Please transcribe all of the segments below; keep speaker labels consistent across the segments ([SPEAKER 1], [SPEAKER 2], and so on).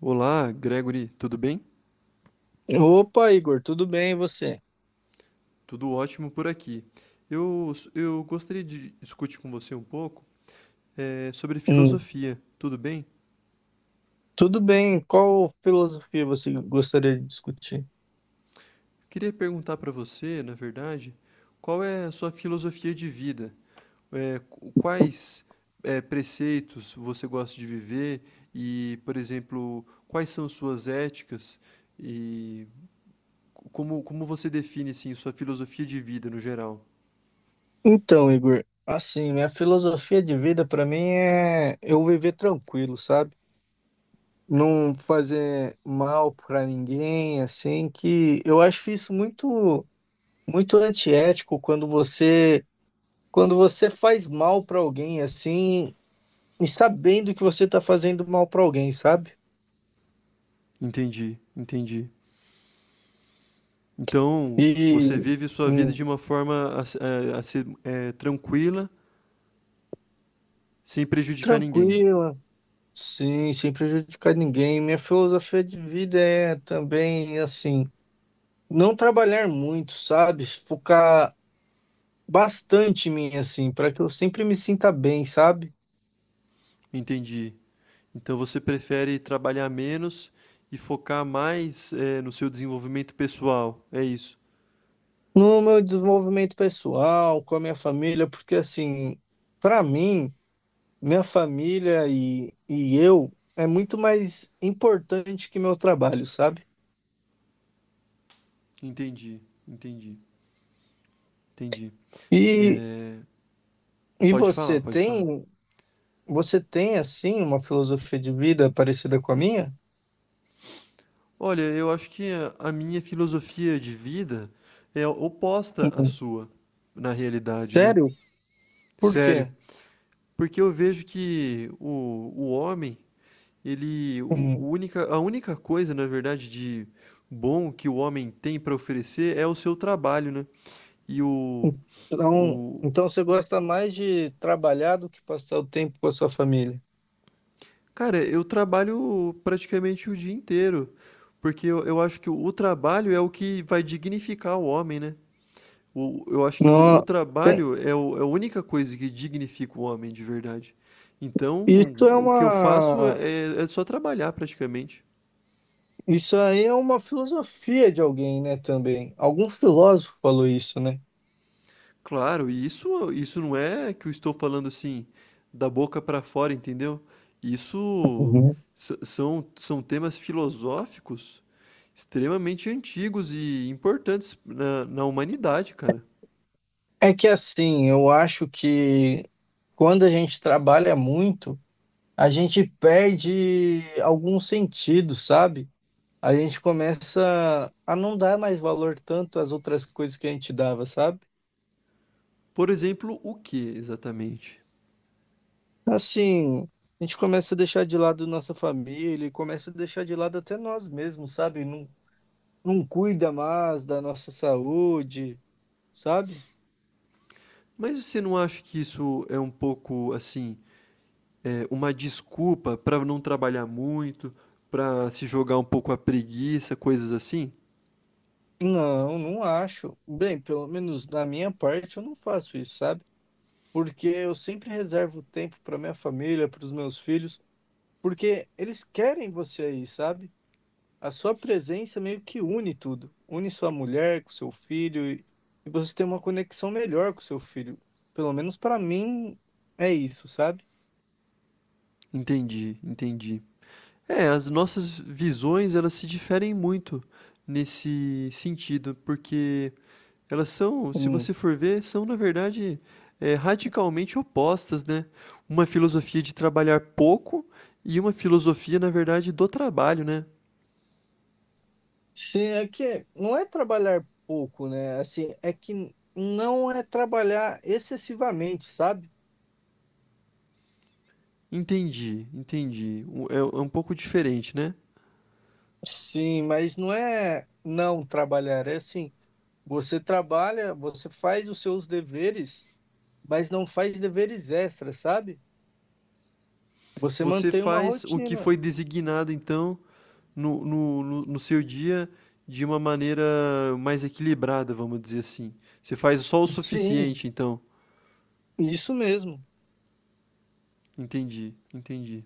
[SPEAKER 1] Olá, Gregory, tudo bem?
[SPEAKER 2] Opa, Igor, tudo bem e você?
[SPEAKER 1] Tudo ótimo por aqui. Eu gostaria de discutir com você um pouco sobre
[SPEAKER 2] Hum,
[SPEAKER 1] filosofia, tudo bem?
[SPEAKER 2] Tudo bem. Qual filosofia você gostaria de discutir?
[SPEAKER 1] Queria perguntar para você, na verdade, qual é a sua filosofia de vida? Quais preceitos você gosta de viver e, por exemplo, quais são suas éticas e como você define assim, sua filosofia de vida no geral?
[SPEAKER 2] Então, Igor, assim, minha filosofia de vida para mim é eu viver tranquilo, sabe? Não fazer mal para ninguém, assim, que eu acho isso muito muito antiético quando você faz mal para alguém assim, e sabendo que você tá fazendo mal para alguém, sabe?
[SPEAKER 1] Entendi, entendi. Então, você
[SPEAKER 2] E
[SPEAKER 1] vive sua vida de
[SPEAKER 2] hum,
[SPEAKER 1] uma forma a ser tranquila, sem prejudicar ninguém.
[SPEAKER 2] Tranquilo. Sim, sem prejudicar ninguém. Minha filosofia de vida é também assim, não trabalhar muito, sabe? Focar bastante em mim, assim, para que eu sempre me sinta bem, sabe?
[SPEAKER 1] Entendi. Então, você prefere trabalhar menos e focar mais no seu desenvolvimento pessoal. É isso.
[SPEAKER 2] No meu desenvolvimento pessoal, com a minha família, porque assim, para mim, minha família e eu é muito mais importante que meu trabalho, sabe?
[SPEAKER 1] Entendi, entendi, entendi.
[SPEAKER 2] E,
[SPEAKER 1] Eh,
[SPEAKER 2] e
[SPEAKER 1] pode falar,
[SPEAKER 2] você
[SPEAKER 1] pode falar.
[SPEAKER 2] tem, você tem assim uma filosofia de vida parecida com a minha?
[SPEAKER 1] Olha, eu acho que a minha filosofia de vida é oposta à sua, na realidade, né?
[SPEAKER 2] Sério? Por
[SPEAKER 1] Sério.
[SPEAKER 2] quê?
[SPEAKER 1] Porque eu vejo que o homem. Ele
[SPEAKER 2] Hum.
[SPEAKER 1] o única a única coisa, na verdade, de bom que o homem tem para oferecer é o seu trabalho, né. E
[SPEAKER 2] Então,
[SPEAKER 1] o
[SPEAKER 2] então você gosta mais de trabalhar do que passar o tempo com a sua família?
[SPEAKER 1] Cara, eu trabalho praticamente o dia inteiro, porque eu acho que o trabalho é o que vai dignificar o homem, né. O Eu acho que o
[SPEAKER 2] Não, bem,
[SPEAKER 1] trabalho é o é a única coisa que dignifica o homem de verdade. Então,
[SPEAKER 2] isso é
[SPEAKER 1] o que eu faço
[SPEAKER 2] uma,
[SPEAKER 1] é só trabalhar praticamente.
[SPEAKER 2] isso aí é uma filosofia de alguém, né, também. Algum filósofo falou isso, né?
[SPEAKER 1] Claro, e isso não é que eu estou falando, assim, da boca para fora, entendeu? Isso
[SPEAKER 2] Uhum.
[SPEAKER 1] s São temas filosóficos extremamente antigos e importantes na humanidade, cara.
[SPEAKER 2] É que assim, eu acho que quando a gente trabalha muito, a gente perde algum sentido, sabe? A gente começa a não dar mais valor tanto às outras coisas que a gente dava, sabe?
[SPEAKER 1] Por exemplo, o que exatamente?
[SPEAKER 2] Assim, a gente começa a deixar de lado nossa família, e começa a deixar de lado até nós mesmos, sabe? Não, não cuida mais da nossa saúde, sabe?
[SPEAKER 1] Mas você não acha que isso é um pouco, assim, uma desculpa para não trabalhar muito, para se jogar um pouco à preguiça, coisas assim?
[SPEAKER 2] Não, não acho. Bem, pelo menos na minha parte eu não faço isso, sabe? Porque eu sempre reservo tempo para minha família, para os meus filhos, porque eles querem você aí, sabe? A sua presença meio que une tudo. Une sua mulher com seu filho e você tem uma conexão melhor com seu filho. Pelo menos para mim é isso, sabe?
[SPEAKER 1] Entendi, entendi. É, as nossas visões, elas se diferem muito nesse sentido, porque elas são, se
[SPEAKER 2] Hum.
[SPEAKER 1] você for ver, são na verdade, radicalmente opostas, né. Uma filosofia de trabalhar pouco e uma filosofia, na verdade, do trabalho, né.
[SPEAKER 2] Se é que não é trabalhar pouco, né? Assim, é que não é trabalhar excessivamente, sabe?
[SPEAKER 1] Entendi, entendi. O É um pouco diferente, né.
[SPEAKER 2] Sim, mas não é não trabalhar, é assim, você trabalha, você faz os seus deveres, mas não faz deveres extras, sabe? Você
[SPEAKER 1] Você
[SPEAKER 2] mantém uma
[SPEAKER 1] faz o que
[SPEAKER 2] rotina.
[SPEAKER 1] foi designado, então, no seu dia de uma maneira mais equilibrada, vamos dizer assim. Você faz só o
[SPEAKER 2] Sim,
[SPEAKER 1] suficiente, então.
[SPEAKER 2] isso mesmo.
[SPEAKER 1] Entendi, entendi.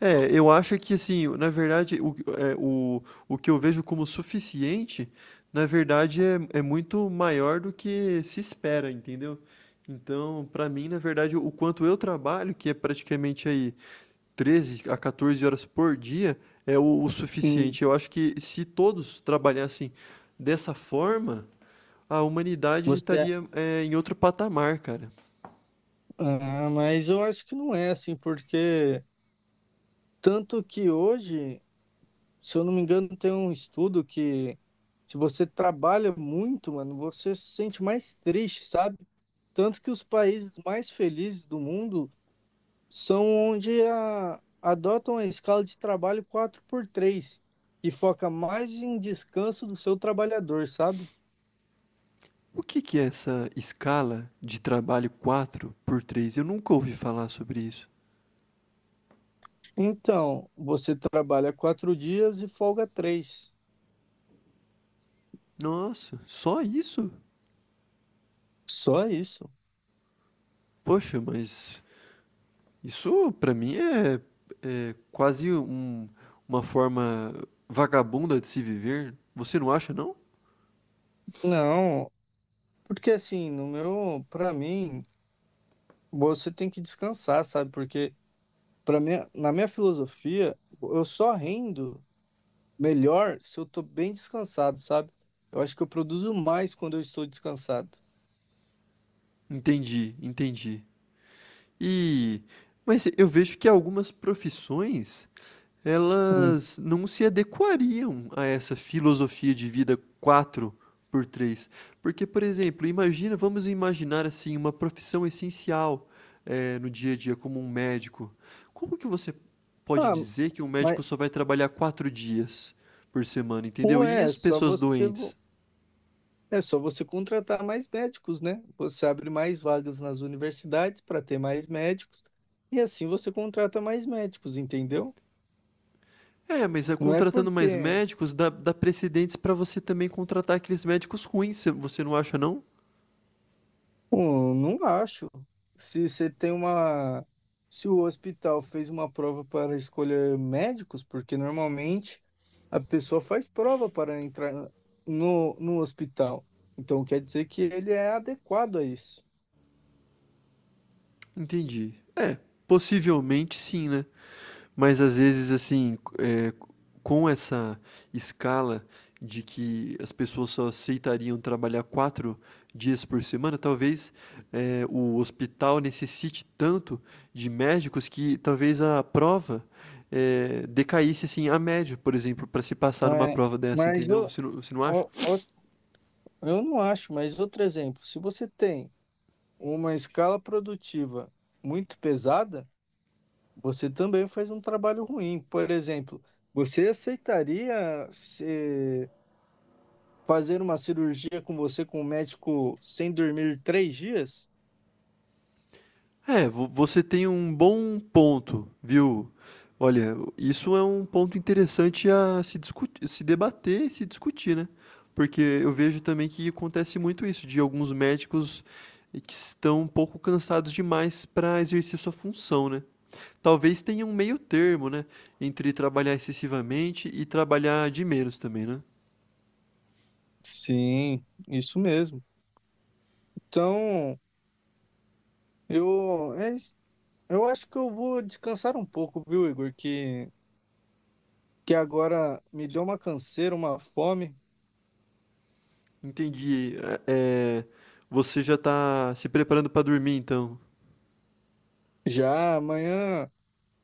[SPEAKER 1] É, eu acho que assim, na verdade, o que eu vejo como suficiente, na verdade, é muito maior do que se espera, entendeu? Então, para mim, na verdade, o quanto eu trabalho, que é praticamente aí treze a 14 horas por dia é o
[SPEAKER 2] Hum.
[SPEAKER 1] suficiente. Eu acho que se todos trabalhassem dessa forma, a humanidade
[SPEAKER 2] Você,
[SPEAKER 1] estaria em outro patamar, cara.
[SPEAKER 2] ah, mas eu acho que não é assim, porque tanto que hoje, se eu não me engano, tem um estudo que se você trabalha muito, mano, você se sente mais triste, sabe? Tanto que os países mais felizes do mundo são onde a- adotam a escala de trabalho 4 por 3 e foca mais em descanso do seu trabalhador, sabe?
[SPEAKER 1] O que é essa escala de trabalho 4 por 3? Eu nunca ouvi falar sobre isso.
[SPEAKER 2] Então, você trabalha 4 dias e folga 3.
[SPEAKER 1] Nossa, só isso?
[SPEAKER 2] Só isso.
[SPEAKER 1] Poxa, mas isso para mim é quase uma forma vagabunda de se viver. Você não acha, não?
[SPEAKER 2] Não, porque assim, no meu, para mim, você tem que descansar, sabe? Porque para mim, na minha filosofia, eu só rendo melhor se eu tô bem descansado, sabe? Eu acho que eu produzo mais quando eu estou descansado.
[SPEAKER 1] Entendi, entendi. E mas eu vejo que algumas profissões,
[SPEAKER 2] Hum.
[SPEAKER 1] elas não se adequariam a essa filosofia de vida quatro por três. Porque, por exemplo, imagina vamos imaginar, assim, uma profissão essencial, no dia a dia, como um médico. Como que você pode
[SPEAKER 2] Ah,
[SPEAKER 1] dizer que um
[SPEAKER 2] mas
[SPEAKER 1] médico só vai trabalhar 4 dias por semana, entendeu?
[SPEAKER 2] ué,
[SPEAKER 1] E as pessoas doentes?
[SPEAKER 2] é só você contratar mais médicos, né? Você abre mais vagas nas universidades para ter mais médicos e assim você contrata mais médicos, entendeu?
[SPEAKER 1] É, mas,
[SPEAKER 2] Não é
[SPEAKER 1] contratando mais
[SPEAKER 2] porque
[SPEAKER 1] médicos dá precedentes para você também contratar aqueles médicos ruins, você não acha não?
[SPEAKER 2] Pô, não acho. Se você tem uma. Se o hospital fez uma prova para escolher médicos, porque normalmente a pessoa faz prova para entrar no hospital. Então quer dizer que ele é adequado a isso.
[SPEAKER 1] Entendi. É, possivelmente sim, né? Mas às vezes, assim, é, com essa escala de que as pessoas só aceitariam trabalhar quatro dias por semana, talvez o hospital necessite tanto de médicos que talvez a prova decaísse assim a média, por exemplo, para se passar numa
[SPEAKER 2] Mas,
[SPEAKER 1] prova dessa,
[SPEAKER 2] mas
[SPEAKER 1] entendeu?
[SPEAKER 2] o-
[SPEAKER 1] Você não acha?
[SPEAKER 2] o- o- eu não acho, mas outro exemplo, se você tem uma escala produtiva muito pesada, você também faz um trabalho ruim. Por exemplo, você aceitaria ser. Fazer uma cirurgia com você, com o médico, sem dormir 3 dias?
[SPEAKER 1] É, vo você tem um bom ponto, viu. Olha, isso é um ponto interessante a se discutir, se debater e se discutir, né. Porque eu vejo também que acontece muito isso, de alguns médicos que estão um pouco cansados demais para exercer sua função, né. Talvez tenha um meio termo, né, entre trabalhar excessivamente e trabalhar de menos também, né.
[SPEAKER 2] Sim, isso mesmo. Então, é isso. Eu acho que eu vou descansar um pouco, viu, Igor? Que agora me deu uma canseira, uma fome.
[SPEAKER 1] Entendi. Você já está se preparando para dormir então?
[SPEAKER 2] Já amanhã,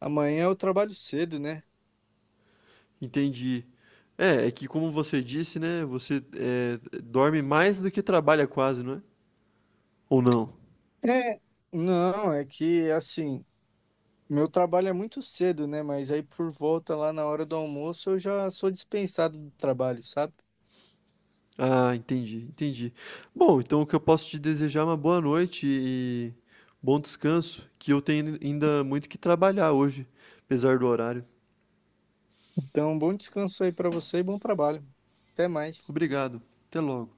[SPEAKER 2] amanhã eu trabalho cedo, né?
[SPEAKER 1] Entendi. É, é que como você disse, né, você dorme mais do que trabalha quase, não é? Ou não?
[SPEAKER 2] É, não, é que assim, meu trabalho é muito cedo, né? Mas aí por volta lá na hora do almoço eu já sou dispensado do trabalho, sabe?
[SPEAKER 1] Ah, entendi, entendi. Bom, então o que eu posso te desejar é uma boa noite e bom descanso, que eu tenho ainda muito que trabalhar hoje, apesar do horário.
[SPEAKER 2] Então, bom descanso aí para você e bom trabalho. Até mais.
[SPEAKER 1] Obrigado. Até logo.